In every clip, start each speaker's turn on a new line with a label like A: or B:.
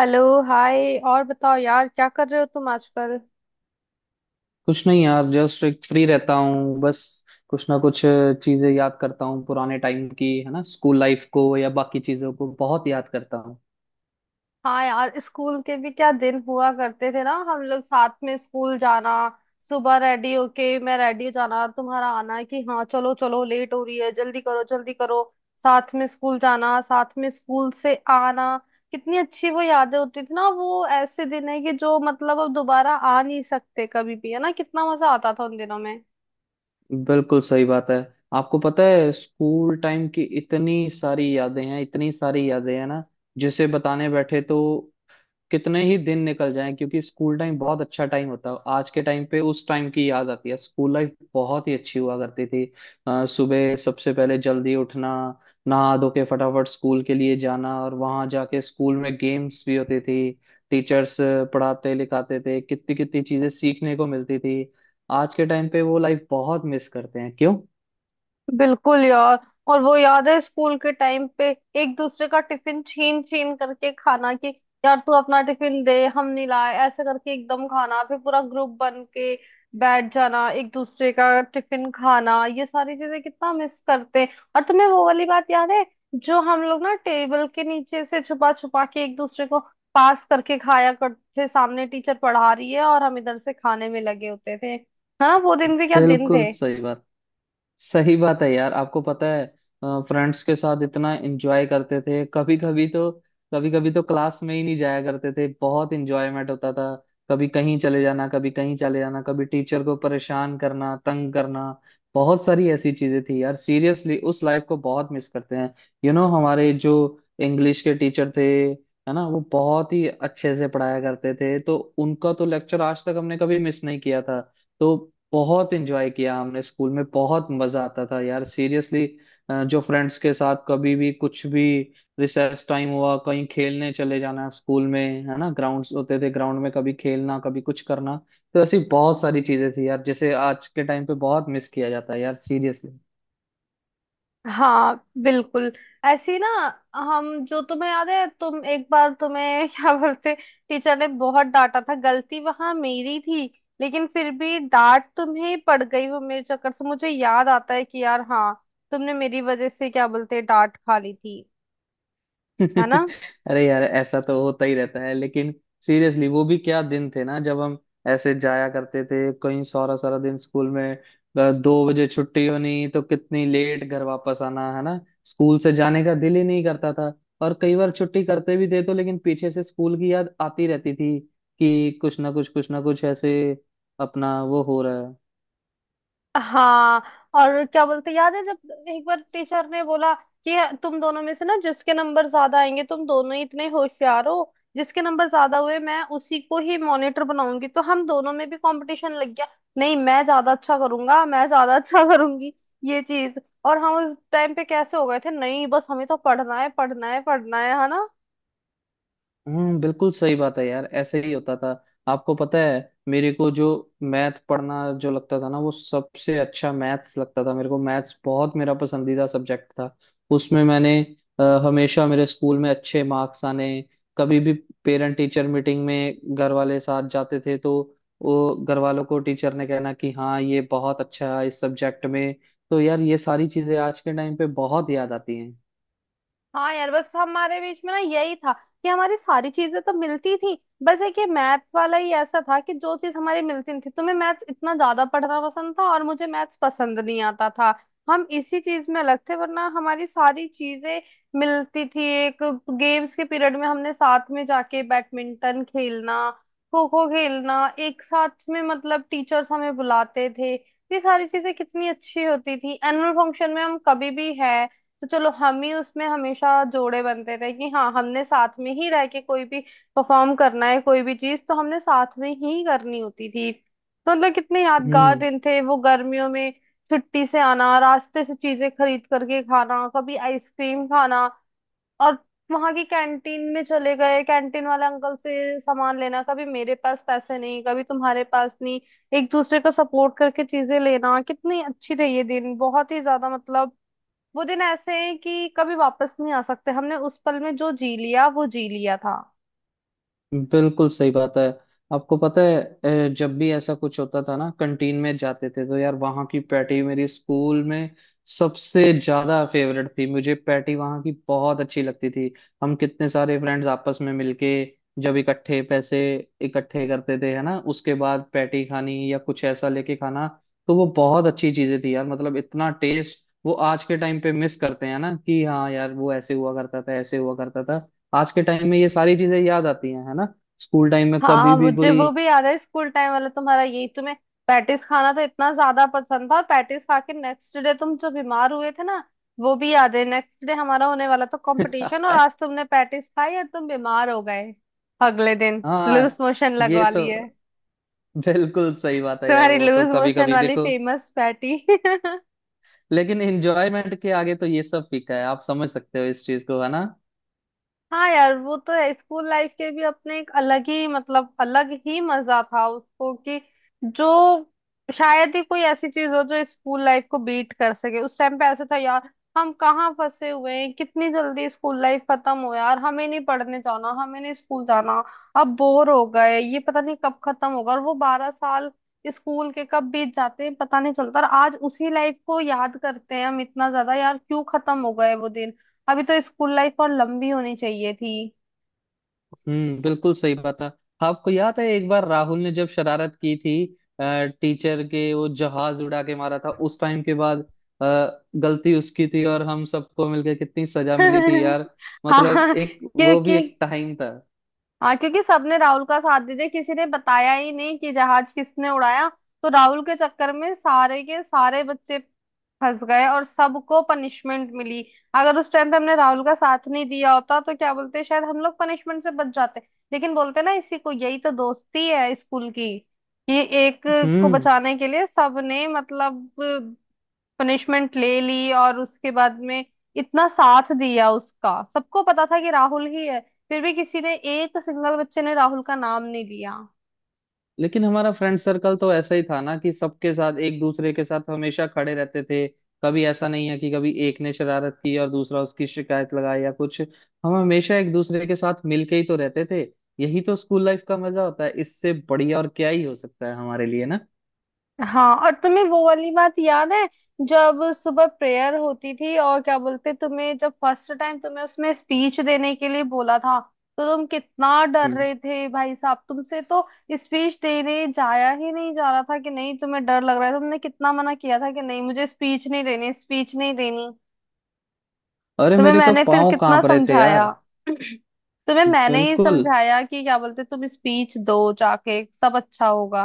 A: Hello. Hi, और बताओ यार, क्या कर रहे हो तुम आजकल।
B: कुछ नहीं यार जस्ट एक फ्री रहता हूँ बस। कुछ ना कुछ चीजें याद करता हूँ पुराने टाइम की, है ना। स्कूल लाइफ को या बाकी चीजों को बहुत याद करता हूँ।
A: हाँ यार, स्कूल के भी क्या दिन हुआ करते थे ना। हम लोग साथ में स्कूल जाना, सुबह रेडी होके, मैं रेडी हो जाना, तुम्हारा आना कि हाँ चलो चलो, लेट हो रही है, जल्दी करो जल्दी करो। साथ में स्कूल जाना, साथ में स्कूल से आना, कितनी अच्छी वो यादें होती थी ना। वो ऐसे दिन है कि जो मतलब अब दोबारा आ नहीं सकते कभी भी, है ना। कितना मजा आता था उन दिनों में।
B: बिल्कुल सही बात है। आपको पता है स्कूल टाइम की इतनी सारी यादें हैं, इतनी सारी यादें हैं ना। जिसे बताने बैठे तो कितने ही दिन निकल जाएं, क्योंकि स्कूल टाइम बहुत अच्छा टाइम होता है। आज के टाइम पे उस टाइम की याद आती है। स्कूल लाइफ बहुत ही अच्छी हुआ करती थी। सुबह सबसे पहले जल्दी उठना, नहा धो के फटाफट स्कूल के लिए जाना, और वहां जाके स्कूल में गेम्स भी होती थी। टीचर्स पढ़ाते लिखाते थे, कितनी कितनी चीजें सीखने को मिलती थी। आज के टाइम पे वो लाइफ बहुत मिस करते हैं, क्यों।
A: बिल्कुल यार। और वो याद है स्कूल के टाइम पे एक दूसरे का टिफिन छीन छीन करके खाना, कि यार तू अपना टिफिन दे, हम नहीं लाए, ऐसे करके एकदम खाना, फिर पूरा ग्रुप बन के बैठ जाना, एक दूसरे का टिफिन खाना, ये सारी चीजें कितना मिस करते हैं। और तुम्हें वो वाली बात याद है, जो हम लोग ना टेबल के नीचे से छुपा छुपा के एक दूसरे को पास करके खाया करते थे, सामने टीचर पढ़ा रही है और हम इधर से खाने में लगे होते थे। हाँ, वो दिन भी क्या दिन
B: बिल्कुल
A: थे।
B: सही बात। सही बात है यार। आपको पता है, फ्रेंड्स के साथ इतना एंजॉय करते थे, कभी कभी तो, कभी कभी तो क्लास में ही नहीं जाया करते थे, बहुत एंजॉयमेंट होता था। कभी कहीं चले जाना, कभी कहीं चले जाना, कभी टीचर को परेशान करना, तंग करना। बहुत सारी ऐसी चीजें थी यार, सीरियसली उस लाइफ को बहुत मिस करते हैं। यू you नो know, हमारे जो इंग्लिश के टीचर थे, है ना, वो बहुत ही अच्छे से पढ़ाया करते थे, तो उनका तो लेक्चर आज तक हमने कभी मिस नहीं किया था। तो बहुत एंजॉय किया हमने स्कूल में, बहुत मजा आता था यार सीरियसली। जो फ्रेंड्स के साथ कभी भी कुछ भी, रिसेस टाइम हुआ कहीं खेलने चले जाना स्कूल में, है ना। ग्राउंड्स होते थे, ग्राउंड में कभी खेलना, कभी कुछ करना। तो ऐसी बहुत सारी चीजें थी यार, जैसे आज के टाइम पे बहुत मिस किया जाता है यार सीरियसली।
A: हाँ, बिल्कुल। ऐसी ना, हम, जो तुम्हें याद है तुम एक बार तुम्हें क्या बोलते, टीचर ने बहुत डांटा था, गलती वहां मेरी थी, लेकिन फिर भी डांट तुम्हें पड़ गई, वो मेरे चक्कर से। मुझे याद आता है कि यार हाँ, तुमने मेरी वजह से क्या बोलते डांट खा ली थी। है ना।
B: अरे यार, ऐसा तो होता ही रहता है, लेकिन सीरियसली वो भी क्या दिन थे ना, जब हम ऐसे जाया करते थे कहीं, सारा सारा दिन स्कूल में। दो बजे छुट्टी होनी, तो कितनी लेट घर वापस आना, है ना। स्कूल से जाने का दिल ही नहीं करता था। और कई बार छुट्टी करते भी थे तो, लेकिन पीछे से स्कूल की याद आती रहती थी, कि कुछ ना कुछ, कुछ ना कुछ ऐसे अपना वो हो रहा है।
A: हाँ, और क्या बोलते याद है जब एक बार टीचर ने बोला कि तुम दोनों में से ना, जिसके नंबर ज्यादा आएंगे, तुम दोनों ही इतने होशियार हो, जिसके नंबर ज्यादा हुए मैं उसी को ही मॉनिटर बनाऊंगी। तो हम दोनों में भी कंपटीशन लग गया। नहीं, मैं ज्यादा अच्छा करूंगा, मैं ज्यादा अच्छा करूंगी, ये चीज। और हम उस टाइम पे कैसे हो गए थे, नहीं बस हमें तो पढ़ना है, पढ़ना है, पढ़ना है ना।
B: हम्म, बिल्कुल सही बात है यार, ऐसे ही होता था। आपको पता है, मेरे को जो मैथ पढ़ना, जो लगता था ना, वो सबसे अच्छा मैथ्स लगता था। मेरे को मैथ्स बहुत, मेरा पसंदीदा सब्जेक्ट था। उसमें मैंने हमेशा मेरे स्कूल में अच्छे मार्क्स आने, कभी भी पेरेंट टीचर मीटिंग में घर वाले साथ जाते थे, तो वो घर वालों को टीचर ने कहना कि हाँ, ये बहुत अच्छा है इस सब्जेक्ट में। तो यार ये सारी चीजें आज के टाइम पे बहुत याद आती हैं।
A: हाँ यार, बस हमारे बीच में ना यही था कि हमारी सारी चीजें तो मिलती थी, बस एक ये मैथ वाला ही ऐसा था कि जो चीज हमारी मिलती नहीं थी। तुम्हें मैथ्स इतना ज्यादा पढ़ना पसंद था और मुझे मैथ्स पसंद नहीं आता था। हम इसी चीज में अलग थे, वरना हमारी सारी चीजें मिलती थी। एक गेम्स के पीरियड में हमने साथ में जाके बैडमिंटन खेलना, खो खो खेलना एक साथ में, मतलब टीचर्स हमें बुलाते थे। ये सारी चीजें कितनी अच्छी होती थी। एनुअल फंक्शन में हम कभी भी है तो चलो हम ही, उसमें हमेशा जोड़े बनते थे कि हाँ हमने साथ में ही रह के कोई भी परफॉर्म करना है, कोई भी चीज तो हमने साथ में ही करनी होती थी। तो मतलब कितने यादगार
B: हम्म,
A: दिन थे वो। गर्मियों में छुट्टी से आना, रास्ते से चीजें खरीद करके खाना, कभी आइसक्रीम खाना, और वहां की कैंटीन में चले गए, कैंटीन वाले अंकल से सामान लेना, कभी मेरे पास पैसे नहीं, कभी तुम्हारे पास नहीं, एक दूसरे का सपोर्ट करके चीजें लेना, कितनी अच्छी थे ये दिन, बहुत ही ज्यादा, मतलब वो दिन ऐसे हैं कि कभी वापस नहीं आ सकते। हमने उस पल में जो जी लिया वो जी लिया था।
B: बिल्कुल सही बात है। आपको पता है, जब भी ऐसा कुछ होता था ना, कंटीन में जाते थे, तो यार वहाँ की पैटी मेरी स्कूल में सबसे ज्यादा फेवरेट थी। मुझे पैटी वहाँ की बहुत अच्छी लगती थी। हम कितने सारे फ्रेंड्स आपस में मिलके, जब इकट्ठे पैसे इकट्ठे करते थे, है ना, उसके बाद पैटी खानी, या कुछ ऐसा लेके खाना। तो वो बहुत अच्छी चीजें थी यार, मतलब इतना टेस्ट वो आज के टाइम पे मिस करते हैं ना, कि हाँ यार वो ऐसे हुआ करता था, ऐसे हुआ करता था। आज के टाइम में ये सारी चीजें याद आती हैं, है ना। स्कूल टाइम में कभी
A: हाँ,
B: भी
A: मुझे
B: कोई।
A: वो भी याद है, स्कूल टाइम वाला तुम्हारा, यही तुम्हें पैटिस खाना तो इतना ज्यादा पसंद था, और पैटिस खा के नेक्स्ट डे तुम जो बीमार हुए थे ना, वो भी याद है। नेक्स्ट डे हमारा होने वाला था कंपटीशन, और आज तुमने पैटिस खाई और तुम बीमार हो गए, अगले दिन लूज
B: हाँ,
A: मोशन
B: ये
A: लगवा
B: तो
A: लिए।
B: बिल्कुल सही बात है यार,
A: तुम्हारी
B: वो तो
A: लूज
B: कभी
A: मोशन
B: कभी
A: वाली
B: देखो,
A: फेमस पैटी।
B: लेकिन एंजॉयमेंट के आगे तो ये सब फीका है, आप समझ सकते हो इस चीज को, है ना।
A: हाँ यार, वो तो है, स्कूल लाइफ के भी अपने एक अलग ही, मतलब अलग ही मजा था उसको। कि जो शायद ही कोई ऐसी चीज हो जो स्कूल लाइफ को बीट कर सके। उस टाइम पे ऐसा था यार, हम कहाँ फंसे हुए हैं, कितनी जल्दी स्कूल लाइफ खत्म हो, यार हमें नहीं पढ़ने जाना, हमें नहीं स्कूल जाना, अब बोर हो गए, ये पता नहीं कब खत्म होगा। और वो 12 साल स्कूल के कब बीत जाते हैं पता नहीं चलता, और आज उसी लाइफ को याद करते हैं हम इतना ज्यादा, यार क्यों खत्म हो गए वो दिन। अभी तो स्कूल लाइफ और लंबी होनी चाहिए थी।
B: हम्म, बिल्कुल सही बात है। आपको याद है, एक बार राहुल ने जब शरारत की थी, टीचर के वो जहाज उड़ा के मारा था, उस टाइम के बाद गलती उसकी थी, और हम सबको मिलके कितनी सजा मिली थी यार। मतलब
A: हाँ
B: एक वो भी
A: क्योंकि,
B: एक टाइम था।
A: सबने राहुल का साथ दे दिया, किसी ने बताया ही नहीं कि जहाज किसने उड़ाया। तो राहुल के चक्कर में सारे के सारे बच्चे फंस गए और सबको पनिशमेंट मिली। अगर उस टाइम पे हमने राहुल का साथ नहीं दिया होता तो क्या बोलते, शायद हम लोग पनिशमेंट से बच जाते। लेकिन बोलते ना इसी को, यही तो दोस्ती है स्कूल की, कि एक को
B: हम्म
A: बचाने के लिए सबने, मतलब पनिशमेंट ले ली, और उसके बाद में इतना साथ दिया उसका। सबको पता था कि राहुल ही है, फिर भी किसी ने, एक सिंगल बच्चे ने राहुल का नाम नहीं लिया।
B: लेकिन हमारा फ्रेंड सर्कल तो ऐसा ही था ना, कि सबके साथ, एक दूसरे के साथ हमेशा खड़े रहते थे। कभी ऐसा नहीं है कि कभी एक ने शरारत की और दूसरा उसकी शिकायत लगाई या कुछ, हम हमेशा एक दूसरे के साथ मिलके ही तो रहते थे। यही तो स्कूल लाइफ का मजा होता है, इससे बढ़िया और क्या ही हो सकता है हमारे लिए ना।
A: हाँ, और तुम्हें वो वाली बात याद है जब सुबह प्रेयर होती थी, और क्या बोलते तुम्हें जब फर्स्ट टाइम तुम्हें उसमें स्पीच देने के लिए बोला था, तो तुम कितना डर
B: हम्म,
A: रहे थे भाई साहब। तुमसे तो स्पीच देने जाया ही नहीं जा रहा था, कि नहीं तुम्हें डर लग रहा है। तुमने कितना मना किया था कि नहीं मुझे स्पीच नहीं देनी, स्पीच नहीं देनी।
B: अरे
A: तुम्हें
B: मेरे तो
A: मैंने फिर
B: पाँव
A: कितना
B: कांप रहे थे
A: समझाया।
B: यार।
A: तुम्हें मैंने ही
B: बिल्कुल।
A: समझाया कि क्या बोलते तुम स्पीच दो जाके, सब अच्छा होगा।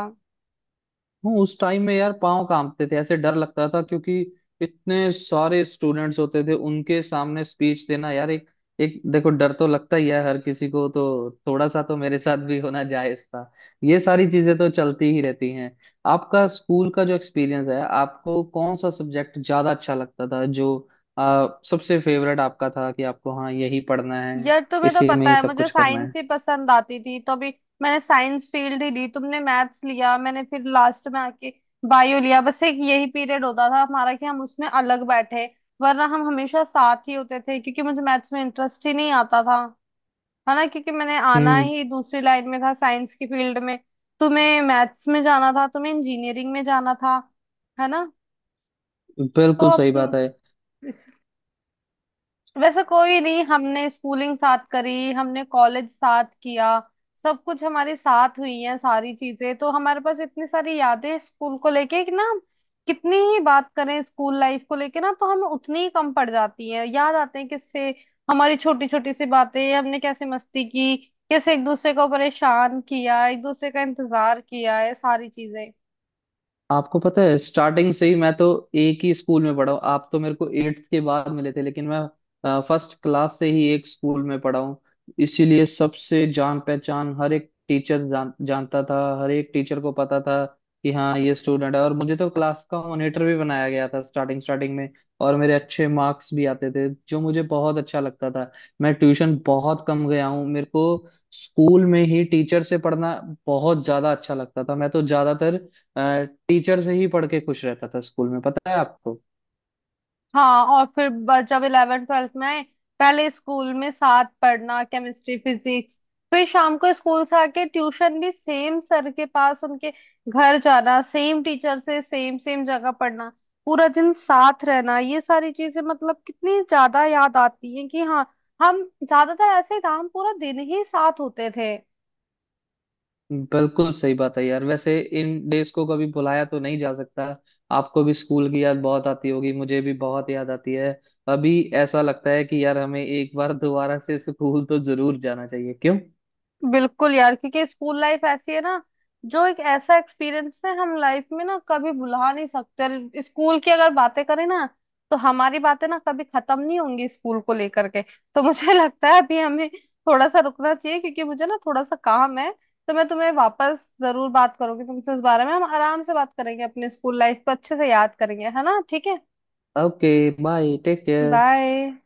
B: हाँ, उस टाइम में यार पाँव कांपते थे, ऐसे डर लगता था, क्योंकि इतने सारे स्टूडेंट्स होते थे, उनके सामने स्पीच देना यार, एक एक देखो, डर तो लगता ही है हर किसी को, तो थोड़ा सा तो मेरे साथ भी होना जायज था। ये सारी चीजें तो चलती ही रहती हैं। आपका स्कूल का जो एक्सपीरियंस है, आपको कौन सा सब्जेक्ट ज्यादा अच्छा लगता था, जो सबसे फेवरेट आपका था, कि आपको हाँ यही पढ़ना है,
A: यार, तुम्हें तो
B: इसी में
A: पता
B: ही
A: है
B: सब
A: मुझे
B: कुछ करना
A: साइंस
B: है।
A: ही पसंद आती थी, तो अभी मैंने साइंस फील्ड ही ली, तुमने मैथ्स लिया। मैंने फिर लास्ट में आके बायो लिया। बस एक यही पीरियड होता था हमारा कि हम उसमें अलग बैठे, वरना हम हमेशा साथ ही होते थे, क्योंकि मुझे मैथ्स में इंटरेस्ट ही नहीं आता था, है ना, क्योंकि मैंने आना
B: हम्म,
A: ही दूसरी लाइन में था, साइंस की फील्ड में। तुम्हें मैथ्स में जाना था, तुम्हें इंजीनियरिंग में जाना था, है ना। तो
B: बिल्कुल सही बात
A: अब
B: है।
A: वैसे कोई नहीं, हमने स्कूलिंग साथ करी, हमने कॉलेज साथ किया, सब कुछ हमारे साथ हुई है सारी चीजें, तो हमारे पास इतनी सारी यादें स्कूल को लेके कि ना हम कितनी ही बात करें स्कूल लाइफ को लेके ना, तो हमें उतनी ही कम पड़ जाती है। याद आते हैं किससे, हमारी छोटी छोटी सी बातें, हमने कैसे मस्ती की, कैसे एक दूसरे को परेशान किया, एक दूसरे का इंतजार किया, है सारी चीजें।
B: आपको पता है, स्टार्टिंग से ही मैं तो एक ही स्कूल में पढ़ा हूँ। आप तो मेरे को एट्थ के बाद मिले थे, लेकिन मैं फर्स्ट क्लास से ही एक स्कूल में पढ़ा हूँ। इसीलिए सबसे जान पहचान, हर एक टीचर जानता था, हर एक टीचर को पता था कि हाँ, ये स्टूडेंट है, और मुझे तो क्लास का मॉनिटर भी बनाया गया था स्टार्टिंग स्टार्टिंग में। और मेरे अच्छे मार्क्स भी आते थे, जो मुझे बहुत अच्छा लगता था। मैं ट्यूशन बहुत कम गया हूँ, मेरे को स्कूल में ही टीचर से पढ़ना बहुत ज्यादा अच्छा लगता था। मैं तो ज्यादातर टीचर से ही पढ़ के खुश रहता था स्कूल में, पता है आपको।
A: हाँ, और फिर जब इलेवन ट्वेल्थ में आए, पहले स्कूल में साथ पढ़ना, केमिस्ट्री, फिजिक्स, फिर शाम को स्कूल से आके ट्यूशन भी सेम सर के पास, उनके घर जाना, सेम टीचर से, सेम सेम जगह पढ़ना, पूरा दिन साथ रहना, ये सारी चीजें मतलब कितनी ज्यादा याद आती हैं कि हाँ, हम ज्यादातर ऐसे काम पूरा दिन ही साथ होते थे।
B: बिल्कुल सही बात है यार, वैसे इन डेज को कभी भुलाया तो नहीं जा सकता। आपको भी स्कूल की याद बहुत आती होगी, मुझे भी बहुत याद आती है। अभी ऐसा लगता है कि यार, हमें एक बार दोबारा से स्कूल तो जरूर जाना चाहिए, क्यों।
A: बिल्कुल यार, क्योंकि स्कूल लाइफ ऐसी है ना, जो एक ऐसा एक्सपीरियंस है हम लाइफ में ना कभी भुला नहीं सकते। स्कूल की अगर बातें करें ना, तो हमारी बातें ना कभी खत्म नहीं होंगी स्कूल को लेकर के। तो मुझे लगता है अभी हमें थोड़ा सा रुकना चाहिए, क्योंकि मुझे ना थोड़ा सा काम है। तो मैं तुम्हें वापस जरूर बात करूंगी, तुमसे इस बारे में हम आराम से बात करेंगे, अपने स्कूल लाइफ को अच्छे से याद करेंगे, है ना, ठीक है।
B: Okay, bye, take care.
A: Bye.